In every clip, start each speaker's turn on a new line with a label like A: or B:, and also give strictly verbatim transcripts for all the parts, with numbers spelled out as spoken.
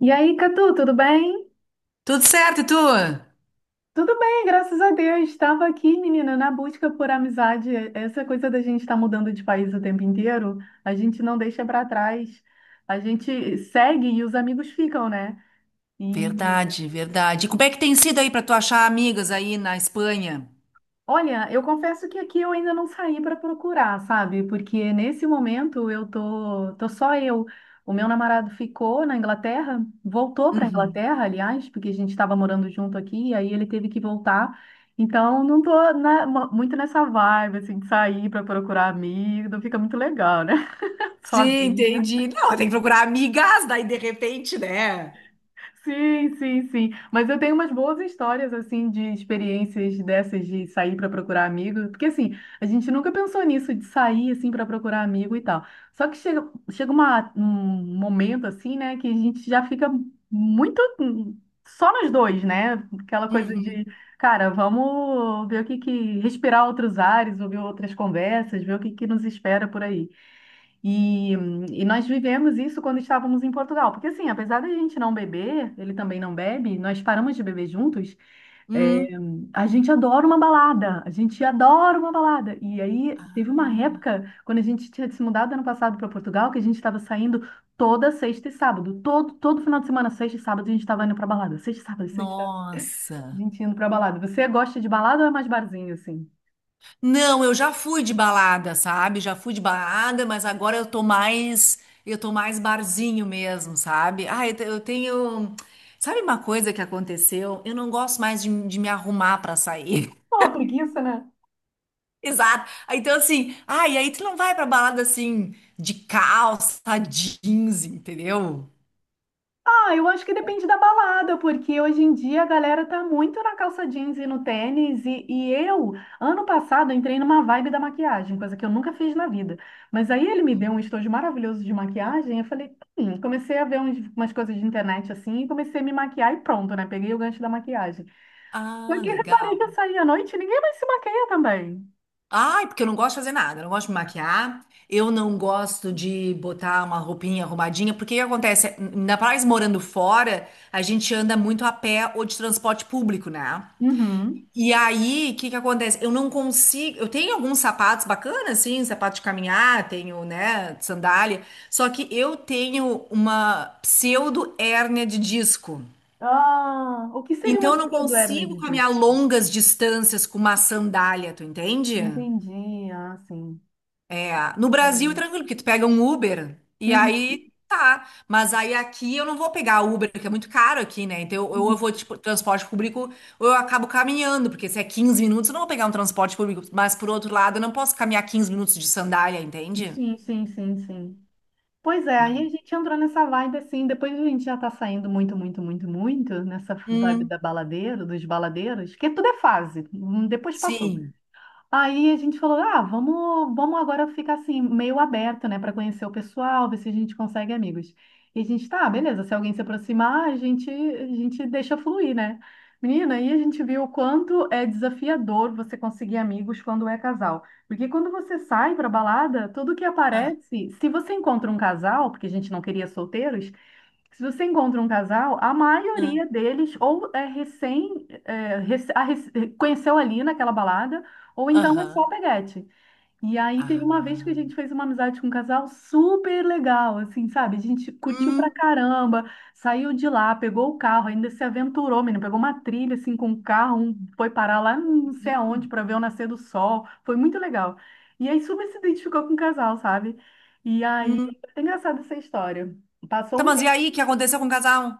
A: E aí, Catu, tudo bem?
B: Tudo certo, e tu?
A: Tudo bem, graças a Deus. Estava aqui, menina, na busca por amizade. Essa coisa da gente estar mudando de país o tempo inteiro, a gente não deixa para trás. A gente segue e os amigos ficam, né? E
B: Verdade, verdade. E como é que tem sido aí para tu achar amigas aí na Espanha?
A: Olha, eu confesso que aqui eu ainda não saí para procurar, sabe? Porque nesse momento eu tô, tô só eu. O meu namorado ficou na Inglaterra, voltou para a
B: Uhum.
A: Inglaterra, aliás, porque a gente estava morando junto aqui, e aí ele teve que voltar. Então não tô na- mu- muito nessa vibe assim de sair para procurar amigo, não fica muito legal, né?
B: Sim,
A: Sozinha.
B: entendi. Não, tem que procurar amigas, daí de repente, né?
A: Sim, sim, sim. Mas eu tenho umas boas histórias, assim, de experiências dessas de sair para procurar amigo. Porque, assim, a gente nunca pensou nisso, de sair, assim, para procurar amigo e tal. Só que chega, chega uma- um momento, assim, né, que a gente já fica muito, hum, só nós dois, né? Aquela coisa de,
B: Uhum.
A: cara, vamos ver o que que respirar outros ares, ouvir outras conversas, ver o que que nos espera por aí. E, e nós vivemos isso quando estávamos em Portugal, porque assim, apesar da gente não beber, ele também não bebe, nós paramos de beber juntos, é,
B: Hum.
A: a gente adora uma balada, a gente adora uma balada. E aí teve uma
B: Ah.
A: época, quando a gente tinha se mudado ano passado para Portugal, que a gente estava saindo toda sexta e sábado, todo, todo final de semana, sexta e sábado, a gente estava indo para balada, sexta e sábado, sexta e sábado, a
B: Nossa.
A: gente indo para balada. Você gosta de balada ou é mais barzinho assim?
B: Não, eu já fui de balada, sabe? Já fui de balada, mas agora eu tô mais, eu tô mais barzinho mesmo, sabe? Ah, eu te- eu tenho, sabe uma coisa que aconteceu? Eu não gosto mais de, de me arrumar para sair.
A: Pô, preguiça, né?
B: Exato. Aí, então, assim, ah, e aí tu não vai pra balada assim, de calça, jeans, entendeu?
A: Ah, eu acho que depende da balada, porque hoje em dia a galera tá muito na calça jeans e no tênis. E, e eu, ano passado, eu entrei numa vibe da maquiagem, coisa que eu nunca fiz na vida. Mas aí ele me deu um estojo maravilhoso de maquiagem. Eu falei, hum, comecei a ver uns- umas coisas de internet assim, e comecei a me maquiar e pronto, né? Peguei o gancho da maquiagem. Só
B: Ah,
A: que eu reparei que
B: legal.
A: eu saí à noite e ninguém mais se maquia também.
B: Ai, porque eu não gosto de fazer nada, eu não gosto de me maquiar, eu não gosto de botar uma roupinha arrumadinha, porque o que acontece? Ainda mais morando fora, a gente anda muito a pé ou de transporte público, né?
A: Uhum.
B: E aí, o que que acontece? Eu não consigo. Eu tenho alguns sapatos bacanas, assim, sapato de caminhar, tenho, né, sandália. Só que eu tenho uma pseudo hérnia de disco.
A: Ah, o que seria
B: Então
A: uma
B: eu não
A: pseudo-hernia
B: consigo
A: de
B: caminhar
A: disco?
B: longas distâncias com uma sandália, tu entende?
A: Entendi, ah, sim.
B: É, no
A: É
B: Brasil, é
A: muito.
B: tranquilo, porque tu pega um Uber e
A: Uhum.
B: aí tá. Mas aí aqui eu não vou pegar Uber, que é muito caro aqui, né? Então eu, ou eu vou tipo, transporte público ou eu acabo caminhando, porque se é quinze minutos, eu não vou pegar um transporte público. Mas por outro lado, eu não posso caminhar quinze minutos de sandália, entende?
A: Sim, sim, sim, sim. Pois é, aí a gente entrou nessa vibe assim, depois a gente já tá saindo muito, muito, muito, muito nessa vibe
B: Hum,
A: da baladeira, dos baladeiros, que tudo é fase, hum, depois passou.
B: sim.
A: Aí a gente falou, ah, vamos, vamos agora ficar assim, meio aberto, né, para conhecer o pessoal, ver se a gente consegue amigos. E a gente, tá, beleza, se alguém se aproximar, a gente, a gente deixa fluir, né? Menina, aí a gente viu o quanto é desafiador você conseguir amigos quando é casal. Porque quando você sai para balada, tudo que
B: Ah,
A: aparece, se você encontra um casal, porque a gente não queria solteiros, se você encontra um casal, a
B: ah.
A: maioria deles ou é recém, é, rec- a rec- conheceu ali naquela balada, ou então é só
B: Aham.
A: peguete. E aí teve uma vez que a
B: Ah.
A: gente fez uma amizade com um casal super legal, assim, sabe? A gente curtiu pra
B: Hum,
A: caramba, saiu de lá, pegou o carro, ainda se aventurou, menino, pegou uma trilha assim com o carro, um foi parar lá não sei
B: legal.
A: aonde pra ver o nascer do sol. Foi muito legal. E aí super se identificou com o casal, sabe? E aí,
B: Hum.
A: é engraçada essa história. Passou
B: Tá,
A: um
B: mas e aí, o que aconteceu com o casal?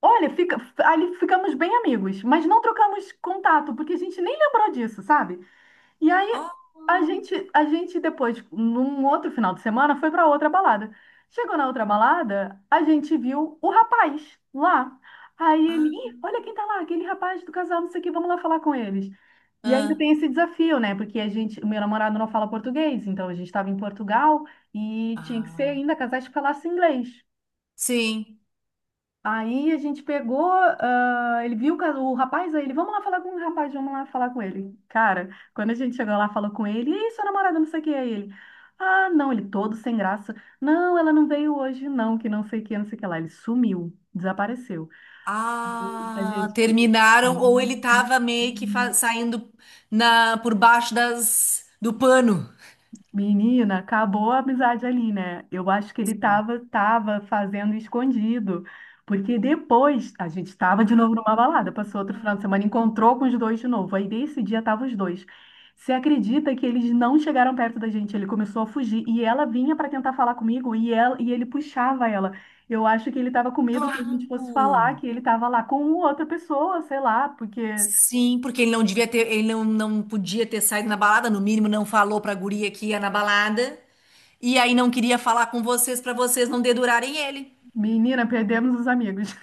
A: Olha, fica, ali ficamos bem amigos, mas não trocamos contato, porque a gente nem lembrou disso, sabe? E aí
B: Oh,
A: a gente, a gente depois, num outro final de semana, foi para outra balada. Chegou na outra balada, a gente viu o rapaz lá. Aí ele,
B: ah,
A: ih, olha quem tá lá, aquele rapaz do casal, não sei o que, vamos lá falar com eles. E ainda
B: ah,
A: tem esse desafio, né? Porque a gente, o meu namorado não fala português, então a gente estava em Portugal e tinha que ser
B: ah.
A: ainda casais que falassem inglês.
B: Sim.
A: Aí a gente pegou, ah, ele viu o ca- o rapaz, aí ele, vamos lá falar com o rapaz, vamos lá falar com ele. Cara, quando a gente chegou lá, falou com ele, e aí, sua namorada, não sei o que, aí ele, ah, não, ele todo sem graça, não, ela não veio hoje, não, que não sei o que, não sei o que lá. Ele sumiu, desapareceu. E a
B: Ah,
A: gente.
B: terminaram ou ele tava meio que fa- saindo na por baixo das do pano.
A: Menina, acabou a amizade ali, né? Eu acho que ele
B: Sim.
A: tava, tava fazendo escondido. Porque depois a gente estava de
B: Ah,
A: novo numa balada, passou outro final de semana, encontrou com os dois de novo. Aí nesse dia estavam os dois. Você acredita que eles não chegaram perto da gente? Ele começou a fugir e ela vinha para tentar falar comigo e, ela, e ele puxava ela. Eu acho que ele estava com medo que a gente fosse falar
B: claro.
A: que ele estava lá com outra pessoa, sei lá, porque,
B: Sim, porque ele não devia ter, ele não, não podia ter saído na balada, no mínimo não falou pra guria que ia na balada, e aí não queria falar com vocês pra vocês não dedurarem ele.
A: menina, perdemos os amigos.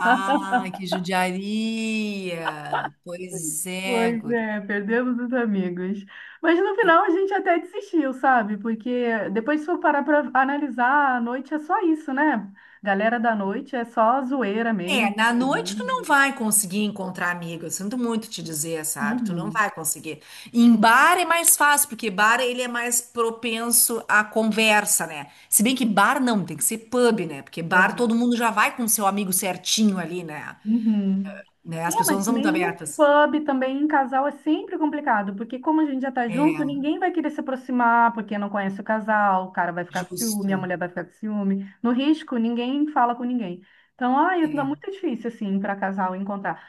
B: Ai, que judiaria. Pois é,
A: Pois
B: guria.
A: é, perdemos os amigos. Mas no final a gente até desistiu, sabe? Porque depois se for parar para analisar, a noite é só isso, né? Galera da noite é só zoeira mesmo.
B: É, na noite tu não
A: Bebida.
B: vai conseguir encontrar amigo. Eu sinto muito te dizer, sabe? Tu não
A: Uhum.
B: vai conseguir. Em bar é mais fácil, porque bar ele é mais propenso à conversa, né? Se bem que bar não, tem que ser pub, né? Porque bar
A: É.
B: todo mundo já vai com seu amigo certinho ali, né?
A: Uhum.
B: Né?
A: É,
B: As pessoas não
A: mas
B: são muito
A: mesmo
B: abertas.
A: pub também em casal é sempre complicado, porque como a gente já tá junto,
B: É,
A: ninguém vai querer se aproximar, porque não conhece o casal, o cara vai ficar com ciúme, a
B: justo.
A: mulher vai ficar com ciúme. No risco, ninguém fala com ninguém. Então, ai, é
B: É.
A: muito difícil, assim, para casal encontrar.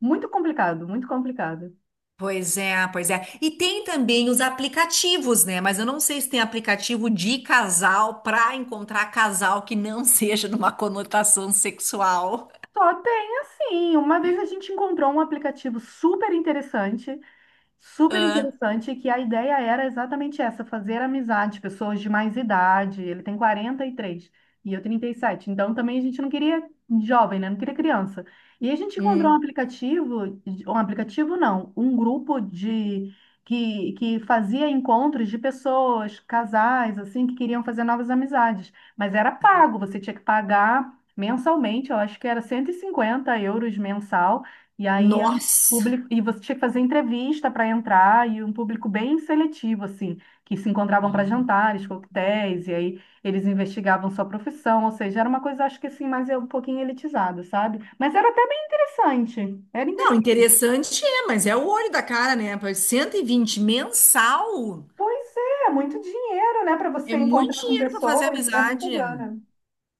A: Muito complicado, muito complicado.
B: Pois é, pois é. E tem também os aplicativos, né? Mas eu não sei se tem aplicativo de casal para encontrar casal que não seja numa conotação sexual.
A: Só tem assim, uma vez a gente encontrou um aplicativo super interessante super
B: Ah,
A: interessante que a ideia era exatamente essa, fazer amizade, pessoas de mais idade. Ele tem quarenta e três e eu trinta e sete. Então também a gente não queria jovem, né? Não queria criança. E a gente encontrou um
B: hum,
A: aplicativo, um aplicativo não, um grupo de que, que fazia encontros de pessoas, casais, assim, que queriam fazer novas amizades. Mas era pago, você tinha que pagar mensalmente, eu acho que era cento e cinquenta euros mensal. E aí
B: nossa!
A: público e você tinha que fazer entrevista para entrar e um público bem seletivo assim, que se encontravam para
B: Ah.
A: jantares, coquetéis e aí eles investigavam sua profissão, ou seja, era uma coisa acho que assim mais é um pouquinho elitizada, sabe? Mas era até bem interessante. Era
B: Não,
A: interessante.
B: interessante é, mas é o olho da cara, né? Pois cento e vinte mensal
A: Pois é, muito dinheiro, né, para
B: é
A: você
B: muito
A: encontrar com
B: dinheiro para fazer
A: pessoas, é muita
B: amizade.
A: grana.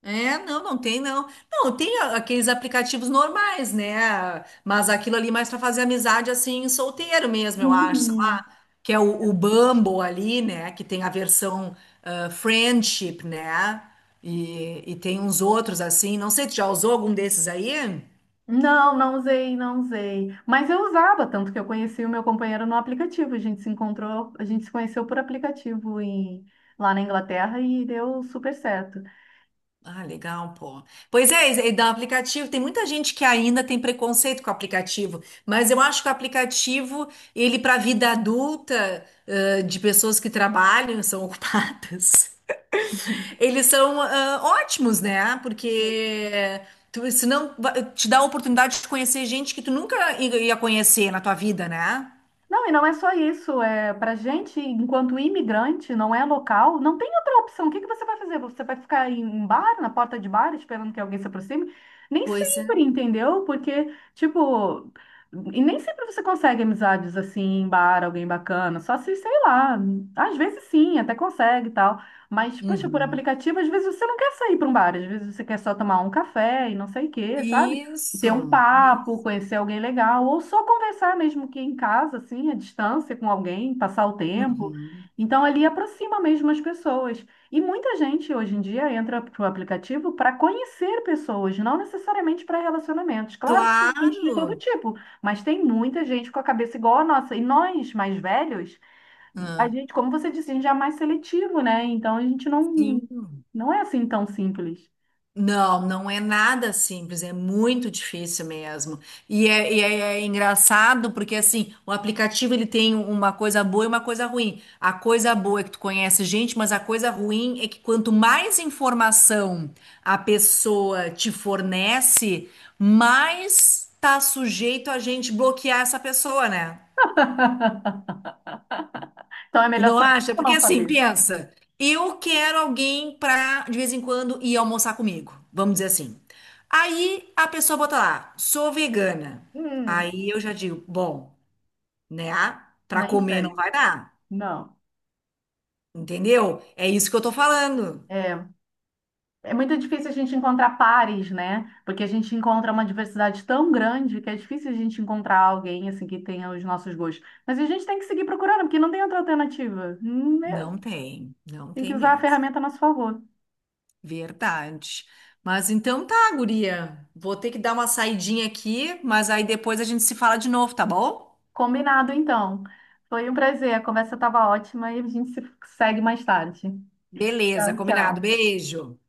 B: É, não, não tem não. Não, tem a- aqueles aplicativos normais, né? Mas aquilo ali mais para fazer amizade assim, solteiro mesmo, eu acho, sei
A: Uhum.
B: lá, que é o, o Bumble ali, né? Que tem a versão ah, friendship, né? E, e tem uns outros assim. Não sei, tu já usou algum desses aí?
A: Não, não usei, não usei. Mas eu usava, tanto que eu conheci o meu companheiro no aplicativo. A gente se encontrou, a gente se conheceu por aplicativo em- lá na Inglaterra e deu super certo.
B: Ah, legal, pô. Pois é, e da aplicativo, tem muita gente que ainda tem preconceito com o aplicativo, mas eu acho que o aplicativo, ele para a vida adulta, ãh, de pessoas que trabalham, são ocupadas, eles são, ãh, ótimos, né?
A: Sim.
B: Porque tu, senão va- te dá a oportunidade de conhecer gente que tu nunca i- ia conhecer na tua vida, né?
A: Não, e não é só isso. É, para gente, enquanto imigrante, não é local, não tem outra opção. O que que você vai fazer? Você vai ficar em bar, na porta de bar, esperando que alguém se aproxime? Nem
B: Pois é.
A: sempre, entendeu? Porque, tipo, e nem sempre você consegue amizades assim em bar, alguém bacana. Só se, sei lá, às vezes sim, até consegue e tal. Mas, poxa, por
B: Uhum.
A: aplicativo, às vezes você não quer sair para um bar, às vezes você quer só tomar um café e não sei o quê, sabe? Ter um
B: Isso,
A: papo,
B: isso.
A: conhecer alguém legal, ou só conversar mesmo que em casa, assim, à distância com alguém, passar o tempo.
B: Uhum.
A: Então, ali aproxima mesmo as pessoas. E muita gente hoje em dia entra para o aplicativo para conhecer pessoas, não necessariamente para relacionamentos. Claro que tem gente de todo
B: Claro.
A: tipo, mas tem muita gente com a cabeça igual a nossa. E nós, mais velhos, a
B: Ah,
A: gente, como você disse, a gente é mais seletivo, né? Então, a gente não,
B: sim.
A: não é assim tão simples.
B: Não, não é nada simples, é muito difícil mesmo. E é, e é- é engraçado porque assim, o aplicativo ele tem uma coisa boa e uma coisa ruim. A coisa boa é que tu conhece gente, mas a coisa ruim é que quanto mais informação a pessoa te fornece, mais tá sujeito a gente bloquear essa pessoa, né?
A: Então, é
B: Tu
A: melhor
B: não
A: saber
B: acha?
A: ou não
B: Porque assim,
A: saber?
B: pensa, eu quero alguém pra de vez em quando ir almoçar comigo, vamos dizer assim. Aí a pessoa bota lá, sou vegana.
A: Hum.
B: Aí eu já digo, bom, né? Pra
A: Nem
B: comer não
A: sei.
B: vai dar,
A: Não.
B: entendeu? É isso que eu tô falando.
A: É, é muito difícil a gente encontrar pares, né? Porque a gente encontra uma diversidade tão grande que é difícil a gente encontrar alguém assim que tenha os nossos gostos. Mas a gente tem que seguir procurando, porque não tem outra alternativa. Hum, né?
B: Não tem, não
A: Tem que
B: tem
A: usar a
B: mesmo.
A: ferramenta a nosso favor.
B: Verdade. Mas então tá, guria. Vou ter que dar uma saidinha aqui, mas aí depois a gente se fala de novo, tá bom?
A: Combinado, então. Foi um prazer. A conversa estava ótima e a gente se segue mais tarde.
B: Beleza,
A: Tchau,
B: combinado.
A: tchau.
B: Beijo.